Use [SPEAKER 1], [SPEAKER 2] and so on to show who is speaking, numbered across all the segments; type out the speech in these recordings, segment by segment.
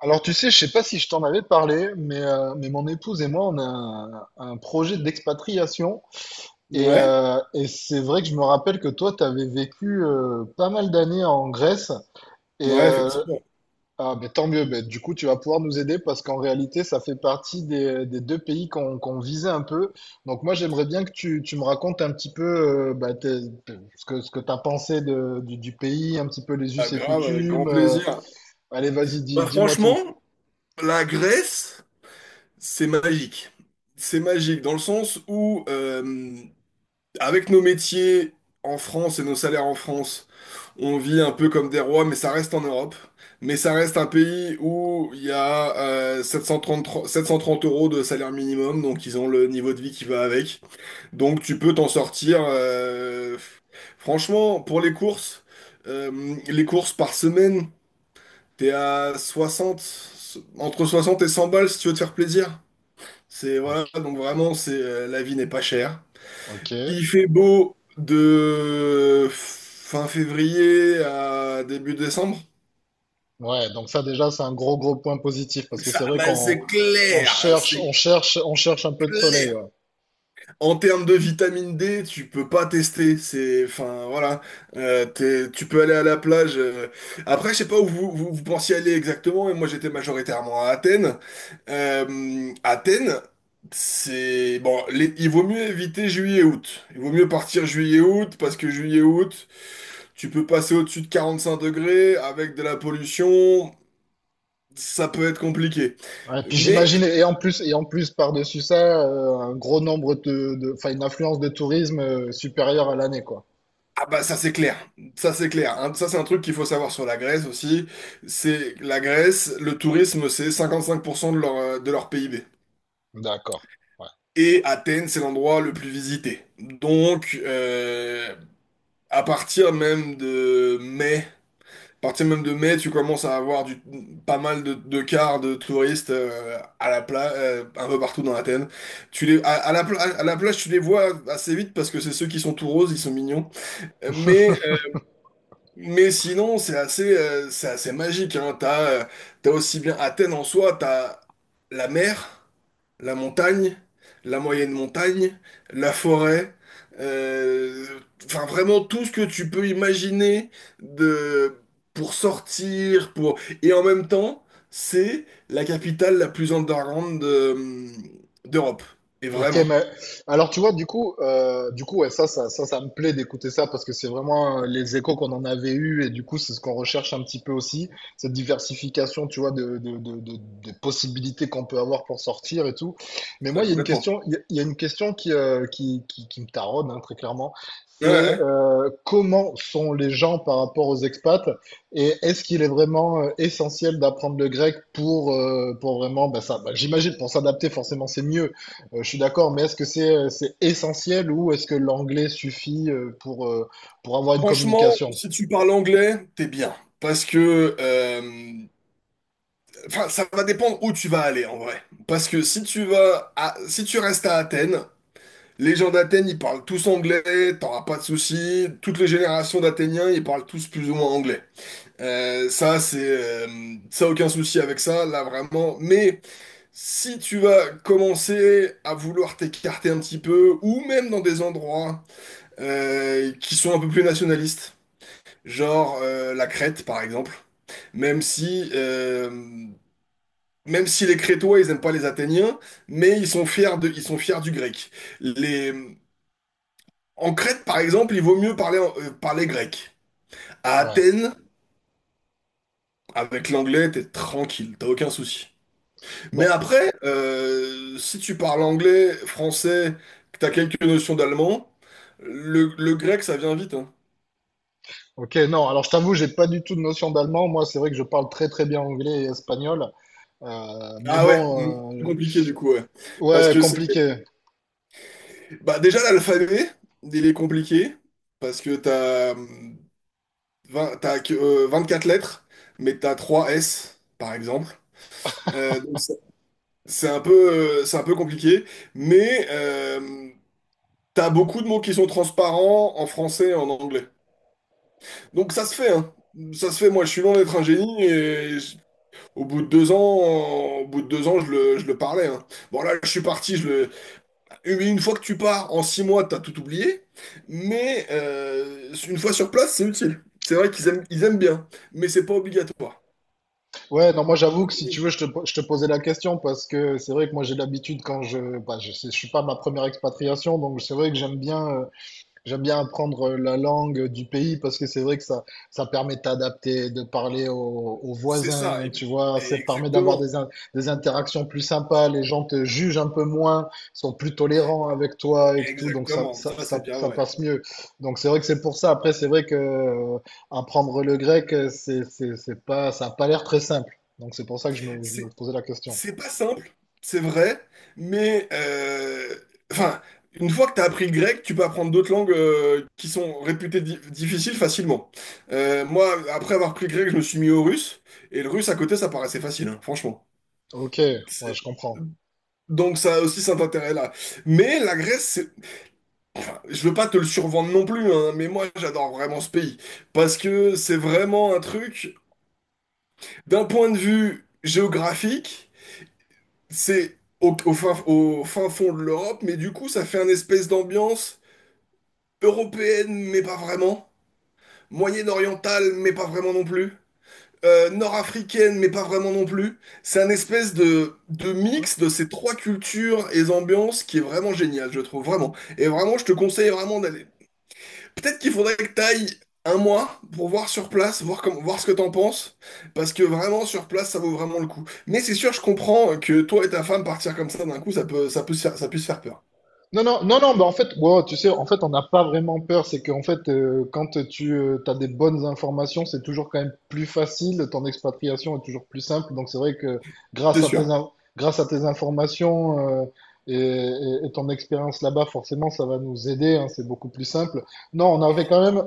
[SPEAKER 1] Alors tu sais, je sais pas si je t'en avais parlé, mais mon épouse et moi, on a un projet d'expatriation.
[SPEAKER 2] Ouais,
[SPEAKER 1] Et c'est vrai que je me rappelle que toi, tu avais vécu pas mal d'années en Grèce. Et
[SPEAKER 2] ouais,
[SPEAKER 1] euh,
[SPEAKER 2] effectivement.
[SPEAKER 1] ben, tant mieux, ben, du coup, tu vas pouvoir nous aider parce qu'en réalité, ça fait partie des deux pays qu'on visait un peu. Donc moi, j'aimerais bien que tu me racontes un petit peu ce que tu as pensé du pays, un petit peu les
[SPEAKER 2] Ah,
[SPEAKER 1] us et
[SPEAKER 2] grave, avec
[SPEAKER 1] coutumes.
[SPEAKER 2] grand plaisir.
[SPEAKER 1] Allez, vas-y,
[SPEAKER 2] Bah,
[SPEAKER 1] dis-moi tout.
[SPEAKER 2] franchement, la Grèce, c'est magique. C'est magique dans le sens où, avec nos métiers en France et nos salaires en France, on vit un peu comme des rois, mais ça reste en Europe. Mais ça reste un pays où il y a 733 730 euros de salaire minimum, donc ils ont le niveau de vie qui va avec. Donc tu peux t'en sortir. Franchement, pour les courses par semaine, t'es à 60, entre 60 et 100 balles si tu veux te faire plaisir. C'est voilà, donc vraiment, c'est la vie n'est pas chère.
[SPEAKER 1] Ok.
[SPEAKER 2] Il fait beau de fin février à début décembre.
[SPEAKER 1] Ouais, donc ça déjà c'est un gros gros point positif parce que c'est
[SPEAKER 2] Ça,
[SPEAKER 1] vrai
[SPEAKER 2] bah,
[SPEAKER 1] qu'on
[SPEAKER 2] c'est
[SPEAKER 1] on
[SPEAKER 2] clair,
[SPEAKER 1] cherche on
[SPEAKER 2] c'est
[SPEAKER 1] cherche on cherche un peu de soleil.
[SPEAKER 2] clair.
[SPEAKER 1] Ouais.
[SPEAKER 2] En termes de vitamine D, tu peux pas tester. C'est, enfin, voilà. Tu peux aller à la plage. Après, je sais pas où vous pensiez aller exactement. Mais moi, j'étais majoritairement à Athènes. Athènes, c'est bon. Il vaut mieux éviter juillet-août. Il vaut mieux partir juillet-août parce que juillet-août, tu peux passer au-dessus de 45 degrés avec de la pollution. Ça peut être compliqué.
[SPEAKER 1] Ouais, puis j'imagine et en plus par-dessus ça un gros nombre enfin une affluence de tourisme supérieure à l'année quoi.
[SPEAKER 2] Ah bah ça c'est clair, ça c'est clair. Hein, ça c'est un truc qu'il faut savoir sur la Grèce aussi. C'est la Grèce, le tourisme c'est 55% de leur PIB.
[SPEAKER 1] D'accord.
[SPEAKER 2] Et Athènes c'est l'endroit le plus visité. Donc à partir même de mai, tu commences à avoir pas mal de cars de touristes à la plage, un peu partout dans Athènes. Tu les, à la, pla- À la plage tu les vois assez vite parce que c'est ceux qui sont tout roses, ils sont mignons. Mais sinon, c'est assez magique, hein. T'as aussi bien Athènes en soi, t'as la mer, la montagne, la moyenne montagne, la forêt, euh, enfin vraiment tout ce que tu peux imaginer de, pour sortir, pour... Et en même temps, c'est la capitale la plus underground d'Europe. Et
[SPEAKER 1] Ok,
[SPEAKER 2] vraiment.
[SPEAKER 1] mais alors tu vois, du coup, ouais, ça me plaît d'écouter ça parce que c'est vraiment les échos qu'on en avait eu et du coup, c'est ce qu'on recherche un petit peu aussi, cette diversification, tu vois, de des possibilités qu'on peut avoir pour sortir et tout. Mais
[SPEAKER 2] Bah,
[SPEAKER 1] moi, il y a une
[SPEAKER 2] complètement.
[SPEAKER 1] question, il y a une question qui me taraude, hein, très clairement.
[SPEAKER 2] Ouais,
[SPEAKER 1] C'est
[SPEAKER 2] ouais.
[SPEAKER 1] comment sont les gens par rapport aux expats et est-ce qu'il est vraiment essentiel d'apprendre le grec pour vraiment, bah, j'imagine, pour s'adapter, forcément, c'est mieux. Je suis d'accord, mais est-ce que c'est essentiel ou est-ce que l'anglais suffit pour avoir une
[SPEAKER 2] Franchement,
[SPEAKER 1] communication?
[SPEAKER 2] si tu parles anglais, t'es bien. Parce que, enfin, ça va dépendre où tu vas aller en vrai. Parce que si tu restes à Athènes, les gens d'Athènes, ils parlent tous anglais, t'auras pas de soucis. Toutes les générations d'Athéniens, ils parlent tous plus ou moins anglais. Ça, c'est, ça aucun souci avec ça, là vraiment. Mais si tu vas commencer à vouloir t'écarter un petit peu, ou même dans des endroits qui sont un peu plus nationalistes. Genre la Crète, par exemple. Même si, euh, même si les Crétois, ils n'aiment pas les Athéniens, mais ils sont fiers du grec. Les, en Crète, par exemple, il vaut mieux parler grec. À
[SPEAKER 1] Voilà.
[SPEAKER 2] Athènes, avec l'anglais, t'es tranquille, t'as aucun souci. Mais
[SPEAKER 1] Bon,
[SPEAKER 2] après, si tu parles anglais, français, que t'as quelques notions d'allemand, le grec, ça vient vite, hein.
[SPEAKER 1] ok, non, alors je t'avoue, j'ai pas du tout de notion d'allemand. Moi, c'est vrai que je parle très très bien anglais et espagnol. Euh, mais
[SPEAKER 2] Ah ouais, mm,
[SPEAKER 1] bon,
[SPEAKER 2] plus
[SPEAKER 1] euh,
[SPEAKER 2] compliqué du coup, ouais. Parce
[SPEAKER 1] ouais,
[SPEAKER 2] que c'est
[SPEAKER 1] compliqué.
[SPEAKER 2] Bah déjà l'alphabet, il est compliqué parce que t'as 20 t'as que, 24 lettres, mais t'as 3 S par exemple. Donc c'est un peu c'est un peu compliqué, mais t'as beaucoup de mots qui sont transparents en français et en anglais. Donc ça se fait, hein. Ça se fait. Moi, je suis loin d'être un génie et au bout de 2 ans, je le parlais. Hein. Bon là, je suis parti, une fois que tu pars, en 6 mois, t'as tout oublié. Mais une fois sur place, c'est utile. C'est vrai qu'ils aiment bien, mais c'est pas obligatoire.
[SPEAKER 1] Ouais, non, moi j'avoue que si tu veux, je te posais la question parce que c'est vrai que moi j'ai l'habitude quand je, bah, je, sais- je suis pas ma première expatriation, donc c'est vrai que j'aime bien. J'aime bien apprendre la langue du pays parce que c'est vrai que ça permet de t'adapter, de parler aux, aux
[SPEAKER 2] C'est ça.
[SPEAKER 1] voisins, tu vois,
[SPEAKER 2] Et
[SPEAKER 1] ça te permet d'avoir
[SPEAKER 2] exactement.
[SPEAKER 1] des interactions plus sympas, les gens te jugent un peu moins, sont plus tolérants avec toi et tout, donc
[SPEAKER 2] Exactement. Ça, c'est bien
[SPEAKER 1] ça
[SPEAKER 2] vrai.
[SPEAKER 1] passe mieux. Donc c'est vrai que c'est pour ça. Après, c'est vrai que apprendre le grec, c'est pas, ça a pas l'air très simple. Donc c'est pour ça que je me
[SPEAKER 2] C'est
[SPEAKER 1] posais la question.
[SPEAKER 2] c'est pas simple, c'est vrai, mais enfin, une fois que t'as appris le grec, tu peux apprendre d'autres langues qui sont réputées difficiles facilement. Moi, après avoir pris le grec, je me suis mis au russe, et le russe à côté, ça paraissait facile, hein, franchement.
[SPEAKER 1] Ok, ouais,
[SPEAKER 2] C'est-
[SPEAKER 1] je comprends.
[SPEAKER 2] Donc ça a aussi cet intérêt-là. Mais la Grèce, c'est... enfin, je veux pas te le survendre non plus, hein, mais moi j'adore vraiment ce pays. Parce que c'est vraiment un truc, d'un point de vue géographique, c'est au fin fond de l'Europe, mais du coup ça fait une espèce d'ambiance européenne, mais pas vraiment. Moyen-orientale, mais pas vraiment non plus. Nord-africaine, mais pas vraiment non plus. C'est un espèce de mix de ces trois cultures et ambiances qui est vraiment génial, je trouve, vraiment. Et vraiment, je te conseille vraiment d'aller. Peut-être qu'il faudrait que t'ailles un mois pour voir sur place, voir comment, voir ce que t'en penses, parce que vraiment, sur place, ça vaut vraiment le coup. Mais c'est sûr, je comprends que toi et ta femme partir comme ça d'un coup, ça peut se faire, ça puisse faire peur.
[SPEAKER 1] Non, non, non, non, bah en fait, wow, tu sais, en fait, on n'a pas vraiment peur. C'est qu'en fait, quand tu as des bonnes informations, c'est toujours quand même plus facile. Ton expatriation est toujours plus simple. Donc, c'est vrai que
[SPEAKER 2] C'est
[SPEAKER 1] grâce à tes,
[SPEAKER 2] sûr.
[SPEAKER 1] in- grâce à tes informations et ton expérience là-bas, forcément, ça va nous aider. Hein, c'est beaucoup plus simple. Non, on avait quand même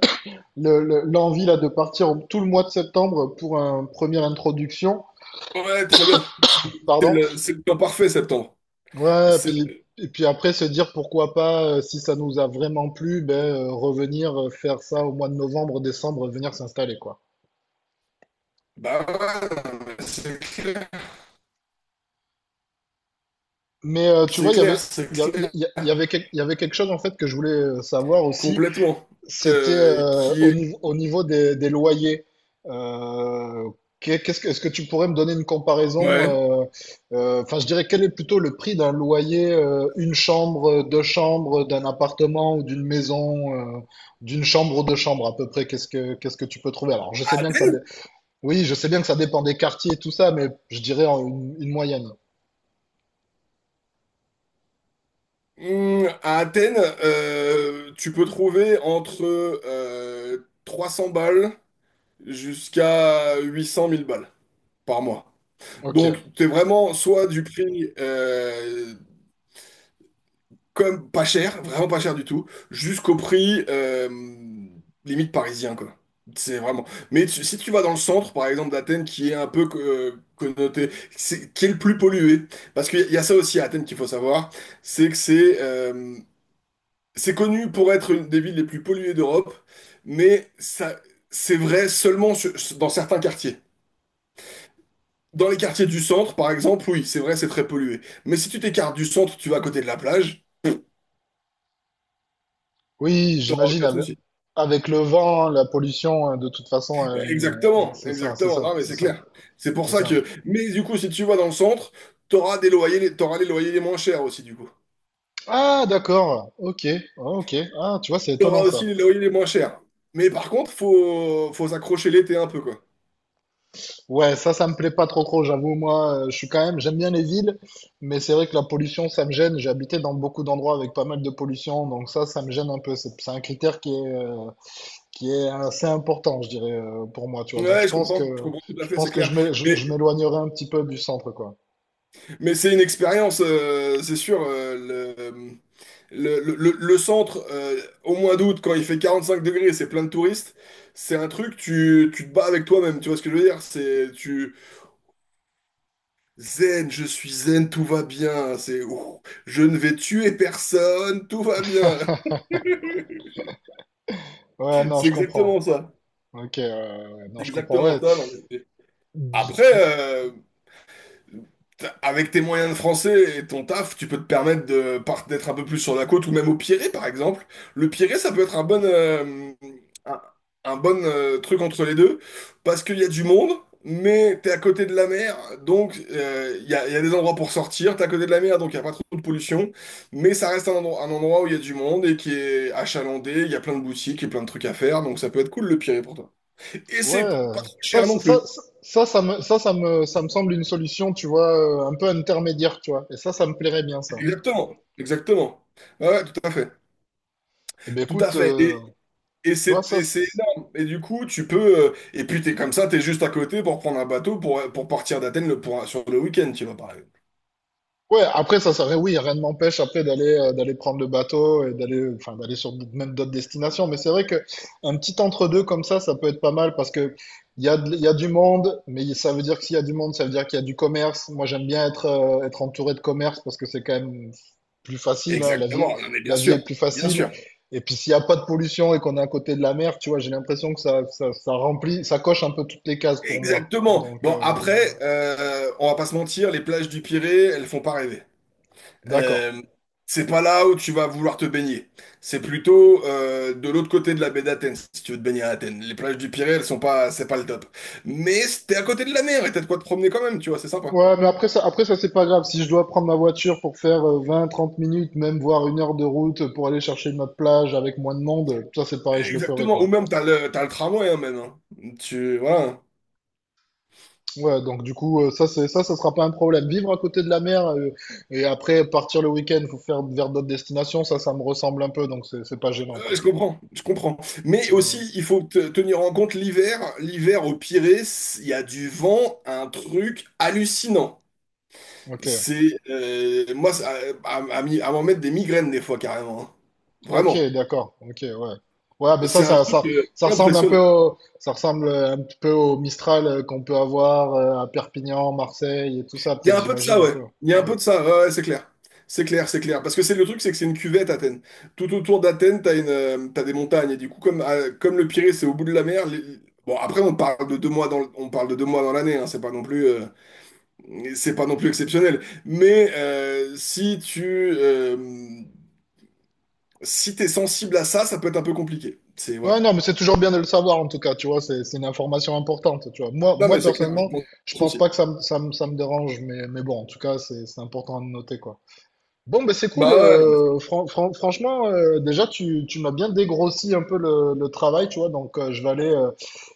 [SPEAKER 1] l'envie là de partir tout le mois de septembre pour une première introduction.
[SPEAKER 2] Ouais, très bien. C'est c'est
[SPEAKER 1] Pardon.
[SPEAKER 2] le, c'est le temps parfait, septembre.
[SPEAKER 1] Ouais,
[SPEAKER 2] C'est,
[SPEAKER 1] puis, et puis après se dire pourquoi pas, si ça nous a vraiment plu, ben, revenir faire ça au mois de novembre, décembre, venir s'installer, quoi.
[SPEAKER 2] bah ouais, c'est clair.
[SPEAKER 1] Mais tu vois,
[SPEAKER 2] C'est
[SPEAKER 1] il y
[SPEAKER 2] clair,
[SPEAKER 1] avait,
[SPEAKER 2] c'est
[SPEAKER 1] il y a-
[SPEAKER 2] clair.
[SPEAKER 1] il y a- il y avait, il y avait quelque chose en fait que je voulais savoir aussi.
[SPEAKER 2] Complètement.
[SPEAKER 1] C'était
[SPEAKER 2] Qui est...
[SPEAKER 1] au niveau des loyers. Euh, Qu'est-ce que, est-ce que tu pourrais me donner une comparaison?
[SPEAKER 2] Ouais.
[SPEAKER 1] euh, Enfin, je dirais quel est plutôt le prix d'un loyer, une chambre, deux chambres, d'un appartement ou d'une maison, d'une chambre ou deux chambres à peu près. Qu'est-ce que tu peux trouver? Alors, je
[SPEAKER 2] À
[SPEAKER 1] sais bien que
[SPEAKER 2] Athènes?
[SPEAKER 1] oui, je sais bien que ça dépend des quartiers et tout ça, mais je dirais en une moyenne.
[SPEAKER 2] À Athènes, tu peux trouver entre 300 balles jusqu'à 800 000 balles par mois.
[SPEAKER 1] Ok.
[SPEAKER 2] Donc, tu es vraiment soit du prix comme pas cher, vraiment pas cher du tout, jusqu'au prix limite parisien, quoi. C'est vraiment. Si tu vas dans le centre, par exemple, d'Athènes, qui est un peu connoté, qui est le plus pollué, parce qu'il y a ça aussi à Athènes qu'il faut savoir, c'est que c'est connu pour être une des villes les plus polluées d'Europe, mais ça, c'est vrai seulement dans certains quartiers. Dans les quartiers du centre, par exemple, oui, c'est vrai, c'est très pollué. Mais si tu t'écartes du centre, tu vas à côté de la plage,
[SPEAKER 1] Oui,
[SPEAKER 2] t'auras aucun souci.
[SPEAKER 1] avec le vent, la pollution, de toute façon, elle,
[SPEAKER 2] Exactement,
[SPEAKER 1] c'est ça,
[SPEAKER 2] exactement. Non, mais c'est clair. C'est pour
[SPEAKER 1] c'est
[SPEAKER 2] ça
[SPEAKER 1] ça.
[SPEAKER 2] que. Mais du coup, si tu vas dans le centre, t'auras les loyers les moins chers aussi, du coup.
[SPEAKER 1] Ah, d'accord. Ok. Ah, ok. Ah, tu vois, c'est
[SPEAKER 2] T'auras
[SPEAKER 1] étonnant
[SPEAKER 2] aussi
[SPEAKER 1] ça.
[SPEAKER 2] les loyers les moins chers. Mais par contre, faut s'accrocher l'été un peu, quoi.
[SPEAKER 1] Ouais, ça me plaît pas trop trop. J'avoue, je suis quand même, j'aime bien les villes, mais c'est vrai que la pollution, ça me gêne. J'ai habité dans beaucoup d'endroits avec pas mal de pollution, donc ça me gêne un peu. C'est un critère qui est assez important, je dirais, pour moi, tu vois. Donc,
[SPEAKER 2] Ouais, je comprends tout à
[SPEAKER 1] je
[SPEAKER 2] fait, c'est
[SPEAKER 1] pense que
[SPEAKER 2] clair. Mais,
[SPEAKER 1] je m'éloignerai un petit peu du centre, quoi.
[SPEAKER 2] mais c'est une expérience, c'est sûr. Centre, au mois d'août, quand il fait 45 degrés, c'est plein de touristes. C'est un truc, tu te bats avec toi-même, tu vois ce que je veux dire? Zen, je suis zen, tout va bien. C'est ouh, je ne vais tuer personne, tout va bien.
[SPEAKER 1] Ouais, non,
[SPEAKER 2] C'est
[SPEAKER 1] je comprends.
[SPEAKER 2] exactement ça.
[SPEAKER 1] Ok. Ouais, ouais, ouais. Non,
[SPEAKER 2] C'est
[SPEAKER 1] je comprends. Ouais.
[SPEAKER 2] exactement ça. Non, après, avec tes moyens de français et ton taf, tu peux te permettre de d'être un peu plus sur la côte ou même au Pirée, par exemple. Le Pirée, ça peut être un, un bon truc entre les deux parce qu'il y a du monde, mais t'es à côté de la mer, donc il y a des endroits pour sortir. T'es à côté de la mer, donc il n'y a pas trop de pollution, mais ça reste un endroit où il y a du monde et qui est achalandé. Il y a plein de boutiques et plein de trucs à faire, donc ça peut être cool le Pirée pour toi. Et
[SPEAKER 1] Ouais,
[SPEAKER 2] c'est pas trop
[SPEAKER 1] ça,
[SPEAKER 2] cher non
[SPEAKER 1] ça, ça,
[SPEAKER 2] plus.
[SPEAKER 1] ça, ça me semble une solution, tu vois, un peu intermédiaire, tu vois. Et ça me plairait bien, ça.
[SPEAKER 2] Exactement, exactement. Ouais, ouais, tout à fait.
[SPEAKER 1] Eh ben,
[SPEAKER 2] Tout à
[SPEAKER 1] écoute,
[SPEAKER 2] fait. Et
[SPEAKER 1] tu vois, ça,
[SPEAKER 2] c'est énorme. Et du coup, tu peux. Et puis, t'es comme ça, t'es juste à côté pour prendre un bateau pour partir d'Athènes sur le week-end, tu vois, par exemple.
[SPEAKER 1] ouais, après ça serait oui, rien ne m'empêche après d'aller d'aller prendre le bateau et d'aller enfin d'aller même d'autres destinations, mais c'est vrai que un petit entre-deux comme ça peut être pas mal parce que il y a du monde, mais ça veut dire que s'il y a du monde, ça veut dire qu'il y a du commerce. Moi, j'aime bien être entouré de commerce parce que c'est quand même plus facile, hein,
[SPEAKER 2] Exactement. Non, mais bien
[SPEAKER 1] la vie est
[SPEAKER 2] sûr.
[SPEAKER 1] plus
[SPEAKER 2] Bien
[SPEAKER 1] facile.
[SPEAKER 2] sûr.
[SPEAKER 1] Et puis s'il y a pas de pollution et qu'on est à côté de la mer, tu vois, j'ai l'impression que ça remplit, ça coche un peu toutes les cases pour moi.
[SPEAKER 2] Exactement.
[SPEAKER 1] Donc
[SPEAKER 2] Bon, après, on va pas se mentir, les plages du Pirée, elles font pas rêver.
[SPEAKER 1] d'accord.
[SPEAKER 2] Euh, c'est pas là où tu vas vouloir te baigner. C'est plutôt de l'autre côté de la baie d'Athènes, si tu veux te baigner à Athènes. Les plages du Pirée, elles sont pas. C'est pas le top. Mais t'es à côté de la mer et t'as de quoi te promener quand même, tu vois, c'est sympa.
[SPEAKER 1] Ouais, mais après ça, c'est pas grave. Si je dois prendre ma voiture pour faire 20, 30 minutes, même voire une heure de route pour aller chercher notre plage avec moins de monde, ça c'est pareil, je le ferai
[SPEAKER 2] Exactement, ou
[SPEAKER 1] quoi.
[SPEAKER 2] même t'as le tramway hein, même. Hein. Tu, voilà.
[SPEAKER 1] Ouais, donc du coup, ça sera pas un problème. Vivre à côté de la mer et après partir le week-end pour faire vers d'autres destinations, ça me ressemble un peu, donc c'est pas gênant quoi.
[SPEAKER 2] Je comprends, je comprends. Mais aussi,
[SPEAKER 1] Ouais.
[SPEAKER 2] il faut tenir en compte l'hiver. L'hiver au Pirée, il y a du vent, un truc hallucinant.
[SPEAKER 1] Ok.
[SPEAKER 2] C'est, moi, à m'en mettre des migraines des fois carrément. Hein.
[SPEAKER 1] Ok,
[SPEAKER 2] Vraiment.
[SPEAKER 1] d'accord. Ok, ouais. Ouais, mais
[SPEAKER 2] C'est un truc impressionnant.
[SPEAKER 1] ça ressemble un petit peu au Mistral qu'on peut avoir à Perpignan, Marseille et tout ça,
[SPEAKER 2] Il y a
[SPEAKER 1] peut-être,
[SPEAKER 2] un peu de
[SPEAKER 1] j'imagine
[SPEAKER 2] ça,
[SPEAKER 1] un
[SPEAKER 2] ouais.
[SPEAKER 1] peu.
[SPEAKER 2] Il y a un
[SPEAKER 1] Ouais.
[SPEAKER 2] peu de ça, ouais, ouais, c'est clair. C'est clair, c'est clair. Parce que c'est le truc, c'est que c'est une cuvette, Athènes. Tout autour d'Athènes, t'as des montagnes. Et du coup, comme, comme le Pirée, c'est au bout de la mer. Bon, après, on parle de 2 mois dans l'année. Hein, c'est pas non plus, c'est pas non plus exceptionnel. Mais si t'es sensible à ça, ça peut être un peu compliqué. C'est
[SPEAKER 1] Ouais,
[SPEAKER 2] voilà.
[SPEAKER 1] non, mais c'est toujours bien de le savoir en tout cas, tu vois, c'est une information importante, tu vois. Moi,
[SPEAKER 2] Non,
[SPEAKER 1] moi
[SPEAKER 2] mais c'est clair. Je
[SPEAKER 1] personnellement,
[SPEAKER 2] pense
[SPEAKER 1] je pense
[SPEAKER 2] aussi.
[SPEAKER 1] pas que ça me, ça me, ça me dérange, mais bon, en tout cas, c'est important de noter, quoi. Bon, ben c'est cool.
[SPEAKER 2] Bah ouais, non, mais
[SPEAKER 1] Franchement, déjà, tu m'as bien dégrossi un peu le travail, tu vois. Donc,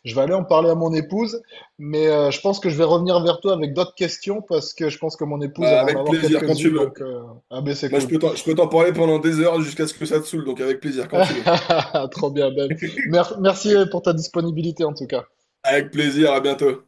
[SPEAKER 1] je vais aller en parler à mon épouse. Mais je pense que je vais revenir vers toi avec d'autres questions parce que je pense que mon épouse elle
[SPEAKER 2] bah
[SPEAKER 1] va en
[SPEAKER 2] avec
[SPEAKER 1] avoir
[SPEAKER 2] plaisir quand tu
[SPEAKER 1] quelques-unes.
[SPEAKER 2] veux.
[SPEAKER 1] Donc, ah ben c'est
[SPEAKER 2] Moi,
[SPEAKER 1] cool.
[SPEAKER 2] je peux t'en parler pendant des heures jusqu'à ce que ça te saoule. Donc avec plaisir quand tu veux.
[SPEAKER 1] Trop bien, Ben. Merci pour ta disponibilité en tout cas.
[SPEAKER 2] Avec plaisir, à bientôt.